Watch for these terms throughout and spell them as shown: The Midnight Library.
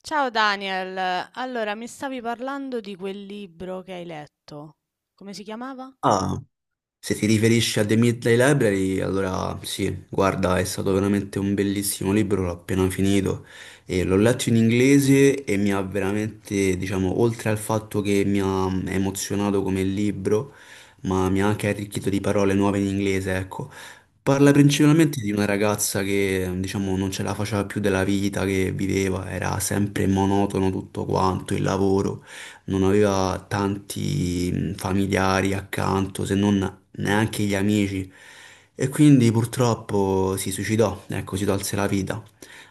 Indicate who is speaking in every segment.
Speaker 1: Ciao Daniel, allora mi stavi parlando di quel libro che hai letto. Come si chiamava?
Speaker 2: Ah, se ti riferisci a The Midnight Library, allora sì, guarda, è stato veramente un bellissimo libro, l'ho appena finito e l'ho letto in inglese e mi ha veramente, diciamo, oltre al fatto che mi ha emozionato come libro, ma mi ha anche arricchito di parole nuove in inglese, ecco. Parla
Speaker 1: Mhm.
Speaker 2: principalmente di una ragazza che, diciamo, non ce la faceva più della vita che viveva, era sempre monotono tutto quanto, il lavoro non aveva tanti familiari accanto se non neanche gli amici. E quindi purtroppo si suicidò, ecco, si tolse la vita.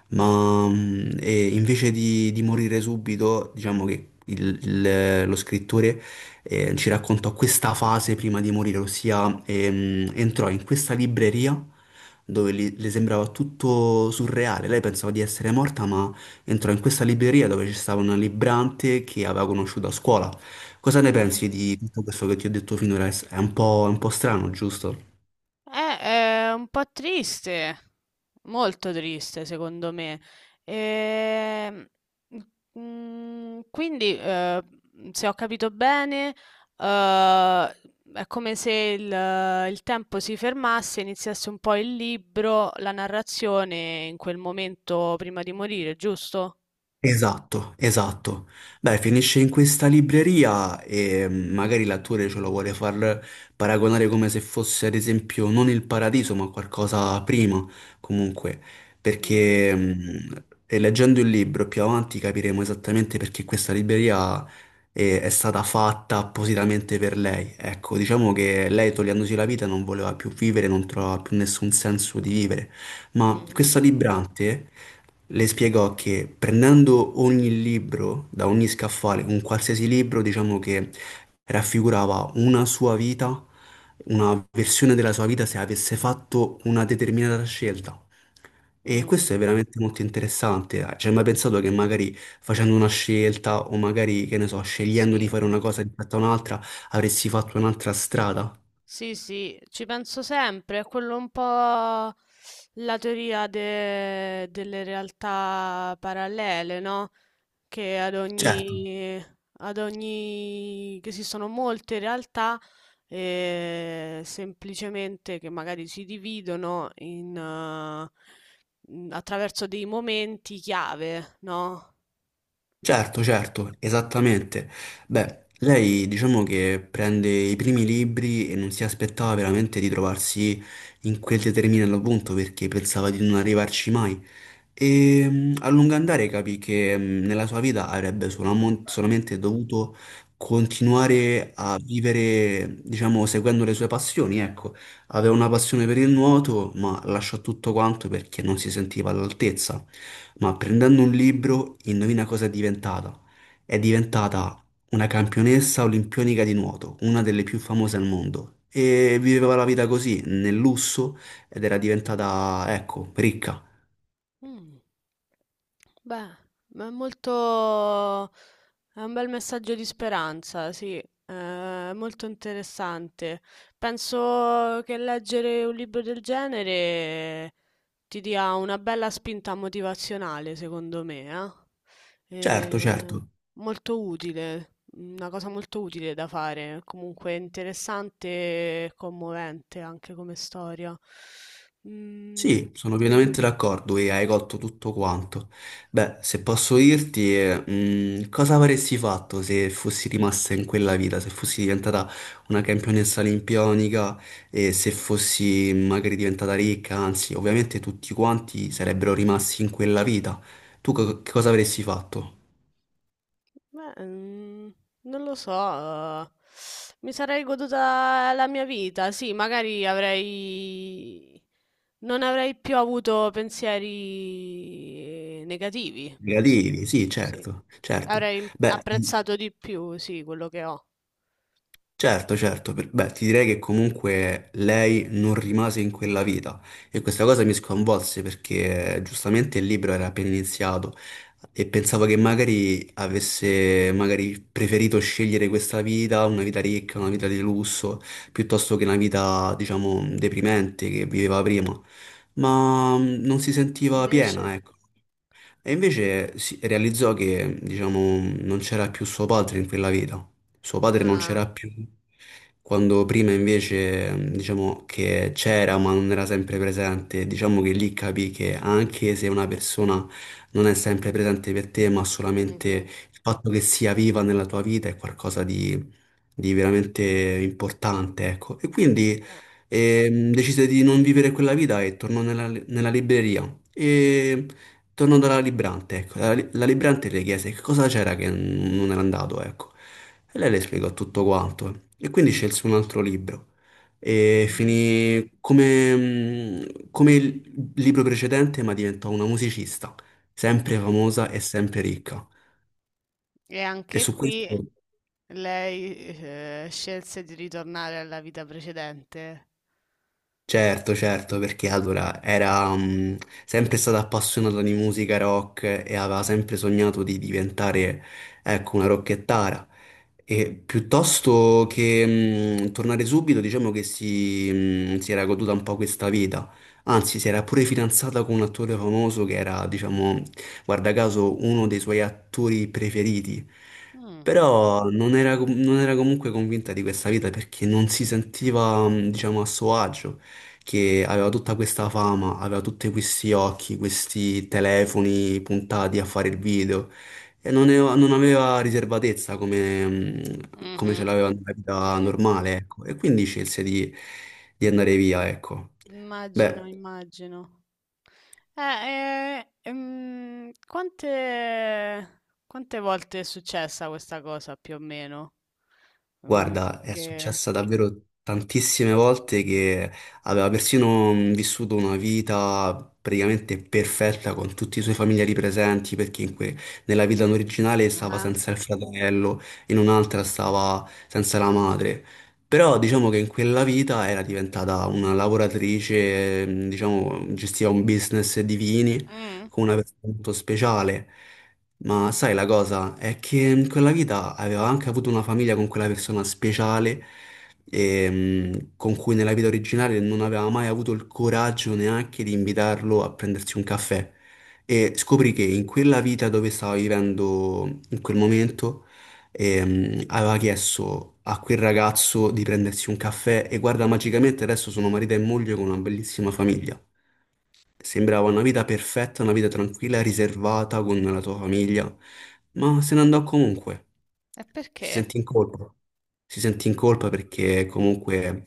Speaker 2: Ma e invece di morire subito, diciamo che lo scrittore ci raccontò questa fase prima di morire, ossia entrò in questa libreria dove le sembrava tutto surreale. Lei pensava di essere morta, ma entrò in questa libreria dove c'era una librante che aveva conosciuto a scuola. Cosa ne
Speaker 1: Mm.
Speaker 2: pensi di tutto questo che ti ho detto finora? È un po' strano, giusto?
Speaker 1: È un po' triste, molto triste secondo me. Ehm, quindi, se ho capito bene, eh, è come se il tempo si fermasse, iniziasse un po' il libro, la narrazione in quel momento prima di morire, giusto?
Speaker 2: Esatto, esatto. Beh, finisce in questa libreria e magari l'attore ce lo vuole far paragonare come se fosse, ad esempio, non il paradiso, ma qualcosa prima, comunque, perché e leggendo il libro più avanti capiremo esattamente perché questa libreria è stata fatta appositamente per lei. Ecco, diciamo che lei togliendosi la vita non voleva più vivere, non trovava più nessun senso di vivere. Ma
Speaker 1: Mhm,
Speaker 2: questa librante le spiegò che prendendo ogni libro da ogni scaffale, un qualsiasi libro, diciamo che raffigurava una sua vita, una versione della sua vita se avesse fatto una determinata scelta. E
Speaker 1: mm,
Speaker 2: questo è veramente molto interessante. Cioè, mai pensato che magari facendo una scelta o magari, che ne so, scegliendo di
Speaker 1: sì,
Speaker 2: fare una cosa rispetto a un'altra, avresti fatto un'altra strada?
Speaker 1: sì, sì, ci penso sempre, è quello un po' la teoria delle realtà parallele, no? Che ad
Speaker 2: Certo.
Speaker 1: ogni, che esistono molte realtà, semplicemente che magari si dividono in, attraverso dei momenti chiave, no?
Speaker 2: Certo, certo, esattamente. Beh, lei diciamo che prende i primi libri e non si aspettava veramente di trovarsi in quel determinato punto perché pensava di non arrivarci mai. E a lungo andare capì che nella sua vita avrebbe solamente dovuto continuare a vivere, diciamo, seguendo le sue passioni, ecco. Aveva una passione per il nuoto, ma lasciò tutto quanto perché non si sentiva all'altezza ma prendendo
Speaker 1: Mhm.
Speaker 2: un libro, indovina cosa è diventata? È diventata una campionessa olimpionica di nuoto, una delle più famose al mondo. E viveva la vita così, nel lusso, ed era diventata, ecco, ricca.
Speaker 1: Mm. Beh, ma è molto... è un bel messaggio di speranza, sì, è molto interessante. Penso che leggere un libro del genere ti dia una bella spinta motivazionale, secondo me, eh?
Speaker 2: Certo, certo.
Speaker 1: Molto utile, una cosa molto utile da fare, comunque interessante e commovente anche come storia. Mm.
Speaker 2: Sì, sono pienamente d'accordo e hai colto tutto quanto. Beh, se posso dirti, cosa avresti fatto se fossi rimasta in quella vita, se fossi diventata una campionessa olimpionica e se fossi magari diventata ricca, anzi, ovviamente tutti quanti sarebbero rimasti in quella vita. Tu che cosa avresti fatto?
Speaker 1: Beh, non lo so, mi sarei goduta la mia vita. Sì, magari avrei non avrei più avuto pensieri negativi. Sì,
Speaker 2: Negativi, sì,
Speaker 1: sì.
Speaker 2: certo, certo.
Speaker 1: Avrei im
Speaker 2: Beh,
Speaker 1: apprezzato di più, sì, quello che ho.
Speaker 2: certo, certo, beh, ti direi che comunque lei non rimase in quella vita e questa cosa mi sconvolse perché giustamente il libro era appena iniziato e pensavo che magari avesse magari preferito scegliere questa vita, una vita ricca, una vita di lusso, piuttosto che una vita, diciamo, deprimente che viveva prima, ma non si sentiva
Speaker 1: Invece?
Speaker 2: piena, ecco. E invece si realizzò che, diciamo, non c'era più suo padre in quella vita. Suo padre non
Speaker 1: Ah,
Speaker 2: c'era più, quando prima invece, diciamo, che c'era ma non era sempre presente. Diciamo che lì capì che anche se una persona non è sempre presente per te, ma solamente
Speaker 1: mh-mh,
Speaker 2: il fatto che sia viva nella tua vita è qualcosa di veramente importante, ecco. E quindi
Speaker 1: ah,
Speaker 2: decise di non vivere quella vita e tornò nella libreria. E torno dalla librante, ecco, la librante le chiese che cosa c'era che non era andato, ecco. E lei le spiegò tutto quanto. E quindi scelse un altro libro. E
Speaker 1: mh-mh.
Speaker 2: finì come il libro precedente, ma diventò una musicista, sempre
Speaker 1: Mh.
Speaker 2: famosa e sempre ricca.
Speaker 1: E
Speaker 2: E
Speaker 1: anche
Speaker 2: su
Speaker 1: qui
Speaker 2: questo.
Speaker 1: lei, scelse di ritornare alla vita precedente?
Speaker 2: Certo, certo, perché allora era sempre stata appassionata di musica rock e aveva sempre sognato di diventare, ecco, una rockettara. E piuttosto che tornare subito, diciamo che si era goduta un po' questa vita. Anzi, si era pure fidanzata con un attore famoso che era, diciamo, guarda caso, uno dei suoi attori preferiti.
Speaker 1: Mh,
Speaker 2: Però non era comunque convinta di questa vita perché non si sentiva, diciamo, a suo agio che aveva tutta questa fama, aveva tutti questi occhi, questi telefoni puntati a fare il video e non aveva riservatezza come ce
Speaker 1: mh-mh,
Speaker 2: l'aveva nella vita
Speaker 1: sì.
Speaker 2: normale, ecco. E quindi scelse di andare via, ecco. Beh.
Speaker 1: Immagino, immagino. Quante, volte è successa questa cosa più o meno? Mm,
Speaker 2: Guarda, è
Speaker 1: che...
Speaker 2: successa davvero tantissime volte che aveva persino vissuto una vita praticamente perfetta con tutti i suoi familiari presenti, perché nella vita originale stava
Speaker 1: Ah,
Speaker 2: senza il fratello, in un'altra stava senza la madre. Però diciamo che in quella vita era diventata una lavoratrice, diciamo, gestiva un business di vini
Speaker 1: mm.
Speaker 2: con una persona molto speciale. Ma sai la cosa è che in quella vita aveva anche avuto una famiglia con quella persona speciale con cui nella vita originale non aveva mai avuto il coraggio neanche di invitarlo a prendersi un caffè. E scoprì che in quella vita dove stava vivendo in quel momento aveva chiesto a quel ragazzo di prendersi un caffè e guarda, magicamente adesso sono marito e moglie con una bellissima famiglia. Sembrava una vita perfetta, una vita tranquilla, riservata con la tua famiglia, ma se ne andò comunque.
Speaker 1: E
Speaker 2: Si
Speaker 1: perché?
Speaker 2: sentì in colpa. Si sentì in colpa perché comunque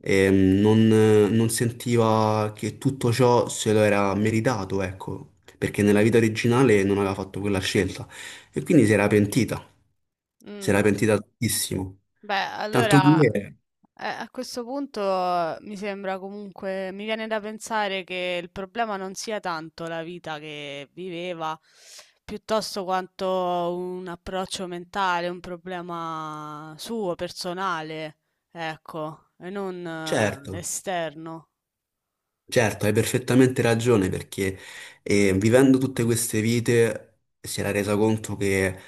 Speaker 2: non sentiva che tutto ciò se lo era meritato, ecco, perché nella vita originale non aveva fatto quella scelta e quindi si era pentita. Si
Speaker 1: Mm.
Speaker 2: era pentita tantissimo.
Speaker 1: Beh,
Speaker 2: Tanto
Speaker 1: allora
Speaker 2: che,
Speaker 1: a questo punto mi sembra comunque, mi viene da pensare che il problema non sia tanto la vita che viveva, piuttosto quanto un approccio mentale, un problema suo, personale, ecco, e non
Speaker 2: certo.
Speaker 1: esterno.
Speaker 2: Certo, hai perfettamente ragione perché vivendo tutte queste vite si era resa conto che,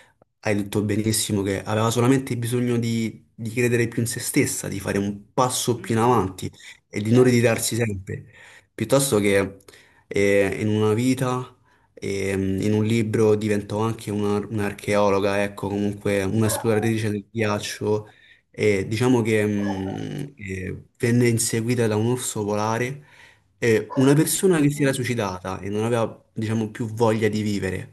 Speaker 2: hai detto benissimo, che aveva solamente bisogno di credere più in se stessa, di fare un passo
Speaker 1: Mm,
Speaker 2: più in
Speaker 1: mm,
Speaker 2: avanti e di non
Speaker 1: certo.
Speaker 2: ritirarsi sempre, piuttosto che in una vita, in un libro diventò anche un'archeologa, ecco, comunque un'esploratrice del ghiaccio e diciamo che venne inseguita da un orso polare e una persona che si era suicidata e non aveva, diciamo, più voglia di vivere,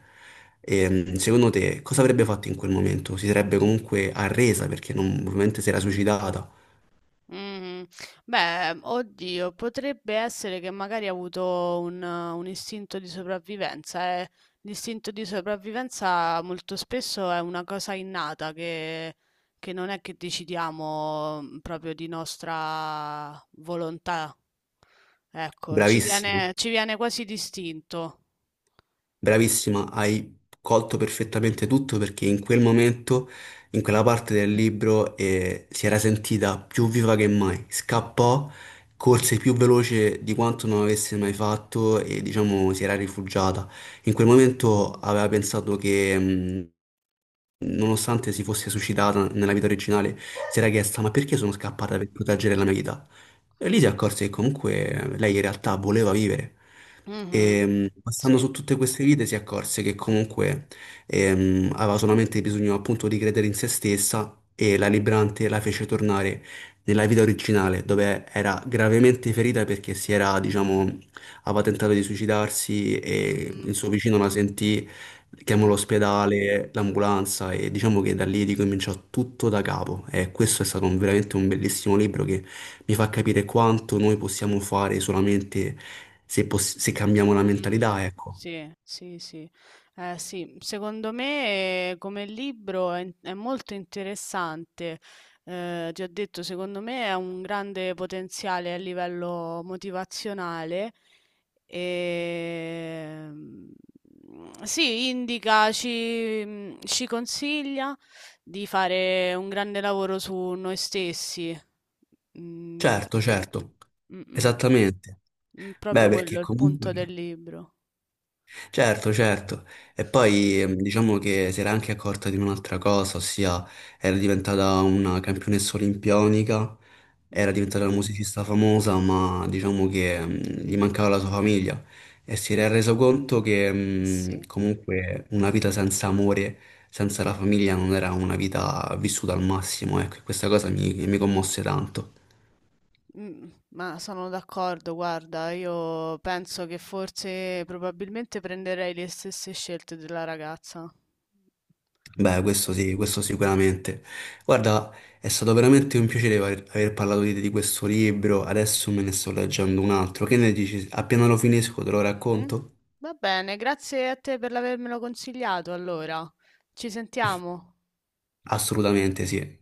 Speaker 2: secondo te cosa avrebbe fatto in quel momento? Si sarebbe comunque arresa perché ovviamente si era suicidata.
Speaker 1: Mh-mh. Beh, oddio, potrebbe essere che magari ha avuto un istinto di sopravvivenza, eh. L'istinto di sopravvivenza molto spesso è una cosa innata che non è che decidiamo, proprio di nostra volontà. Ecco,
Speaker 2: Bravissimo.
Speaker 1: ci viene quasi d'istinto.
Speaker 2: Bravissima, hai colto perfettamente tutto perché in quel momento, in quella parte del libro, si era sentita più viva che mai. Scappò, corse più veloce di quanto non avesse mai fatto e diciamo si era rifugiata. In quel momento
Speaker 1: Mh-mh.
Speaker 2: aveva pensato che, nonostante si fosse suicidata nella vita originale, si era chiesta: ma perché sono scappata per proteggere la mia vita? E lì si accorse che comunque lei in realtà voleva vivere.
Speaker 1: Mh-mh.
Speaker 2: E passando
Speaker 1: Sì.
Speaker 2: su tutte queste vite si accorse che comunque aveva solamente bisogno appunto di credere in se stessa e la Librante la fece tornare nella vita originale dove era gravemente ferita perché diciamo, aveva tentato di suicidarsi e il
Speaker 1: Mh-mh.
Speaker 2: suo vicino la sentì, chiamò
Speaker 1: Eh.
Speaker 2: l'ospedale, l'ambulanza e diciamo che da lì ricominciò tutto da capo. E questo è stato veramente un bellissimo libro. Mi fa capire quanto noi possiamo fare solamente se cambiamo la
Speaker 1: Mh-mh.
Speaker 2: mentalità, ecco.
Speaker 1: Sì, sì, sì. Eh sì, secondo me come libro è molto interessante. Ti ho detto, secondo me ha un grande potenziale a livello motivazionale. Ehm, sì, indica, ci consiglia di fare un grande lavoro su noi stessi. Mhmm,
Speaker 2: Certo, certo,
Speaker 1: mh-mh.
Speaker 2: esattamente. Beh,
Speaker 1: Proprio quello
Speaker 2: perché
Speaker 1: è il punto
Speaker 2: comunque...
Speaker 1: del libro.
Speaker 2: Certo, certo. E poi diciamo che si era anche accorta di un'altra cosa, ossia era diventata una campionessa olimpionica, era
Speaker 1: Mh-mh.
Speaker 2: diventata una musicista famosa, ma diciamo che gli mancava la sua famiglia e si era reso conto che
Speaker 1: Eh sì.
Speaker 2: comunque una vita senza amore, senza la famiglia non era una vita vissuta al massimo, ecco, e questa cosa mi commosse tanto.
Speaker 1: Ma sono d'accordo, guarda, io penso che forse probabilmente prenderei le stesse scelte della ragazza.
Speaker 2: Beh, questo sì, questo sicuramente. Guarda, è stato veramente un piacere aver parlato di questo libro, adesso me ne sto leggendo un altro. Che ne dici? Appena lo finisco te lo
Speaker 1: Mh-mh.
Speaker 2: racconto?
Speaker 1: Va bene, grazie a te per avermelo consigliato allora. Ci sentiamo.
Speaker 2: Assolutamente sì.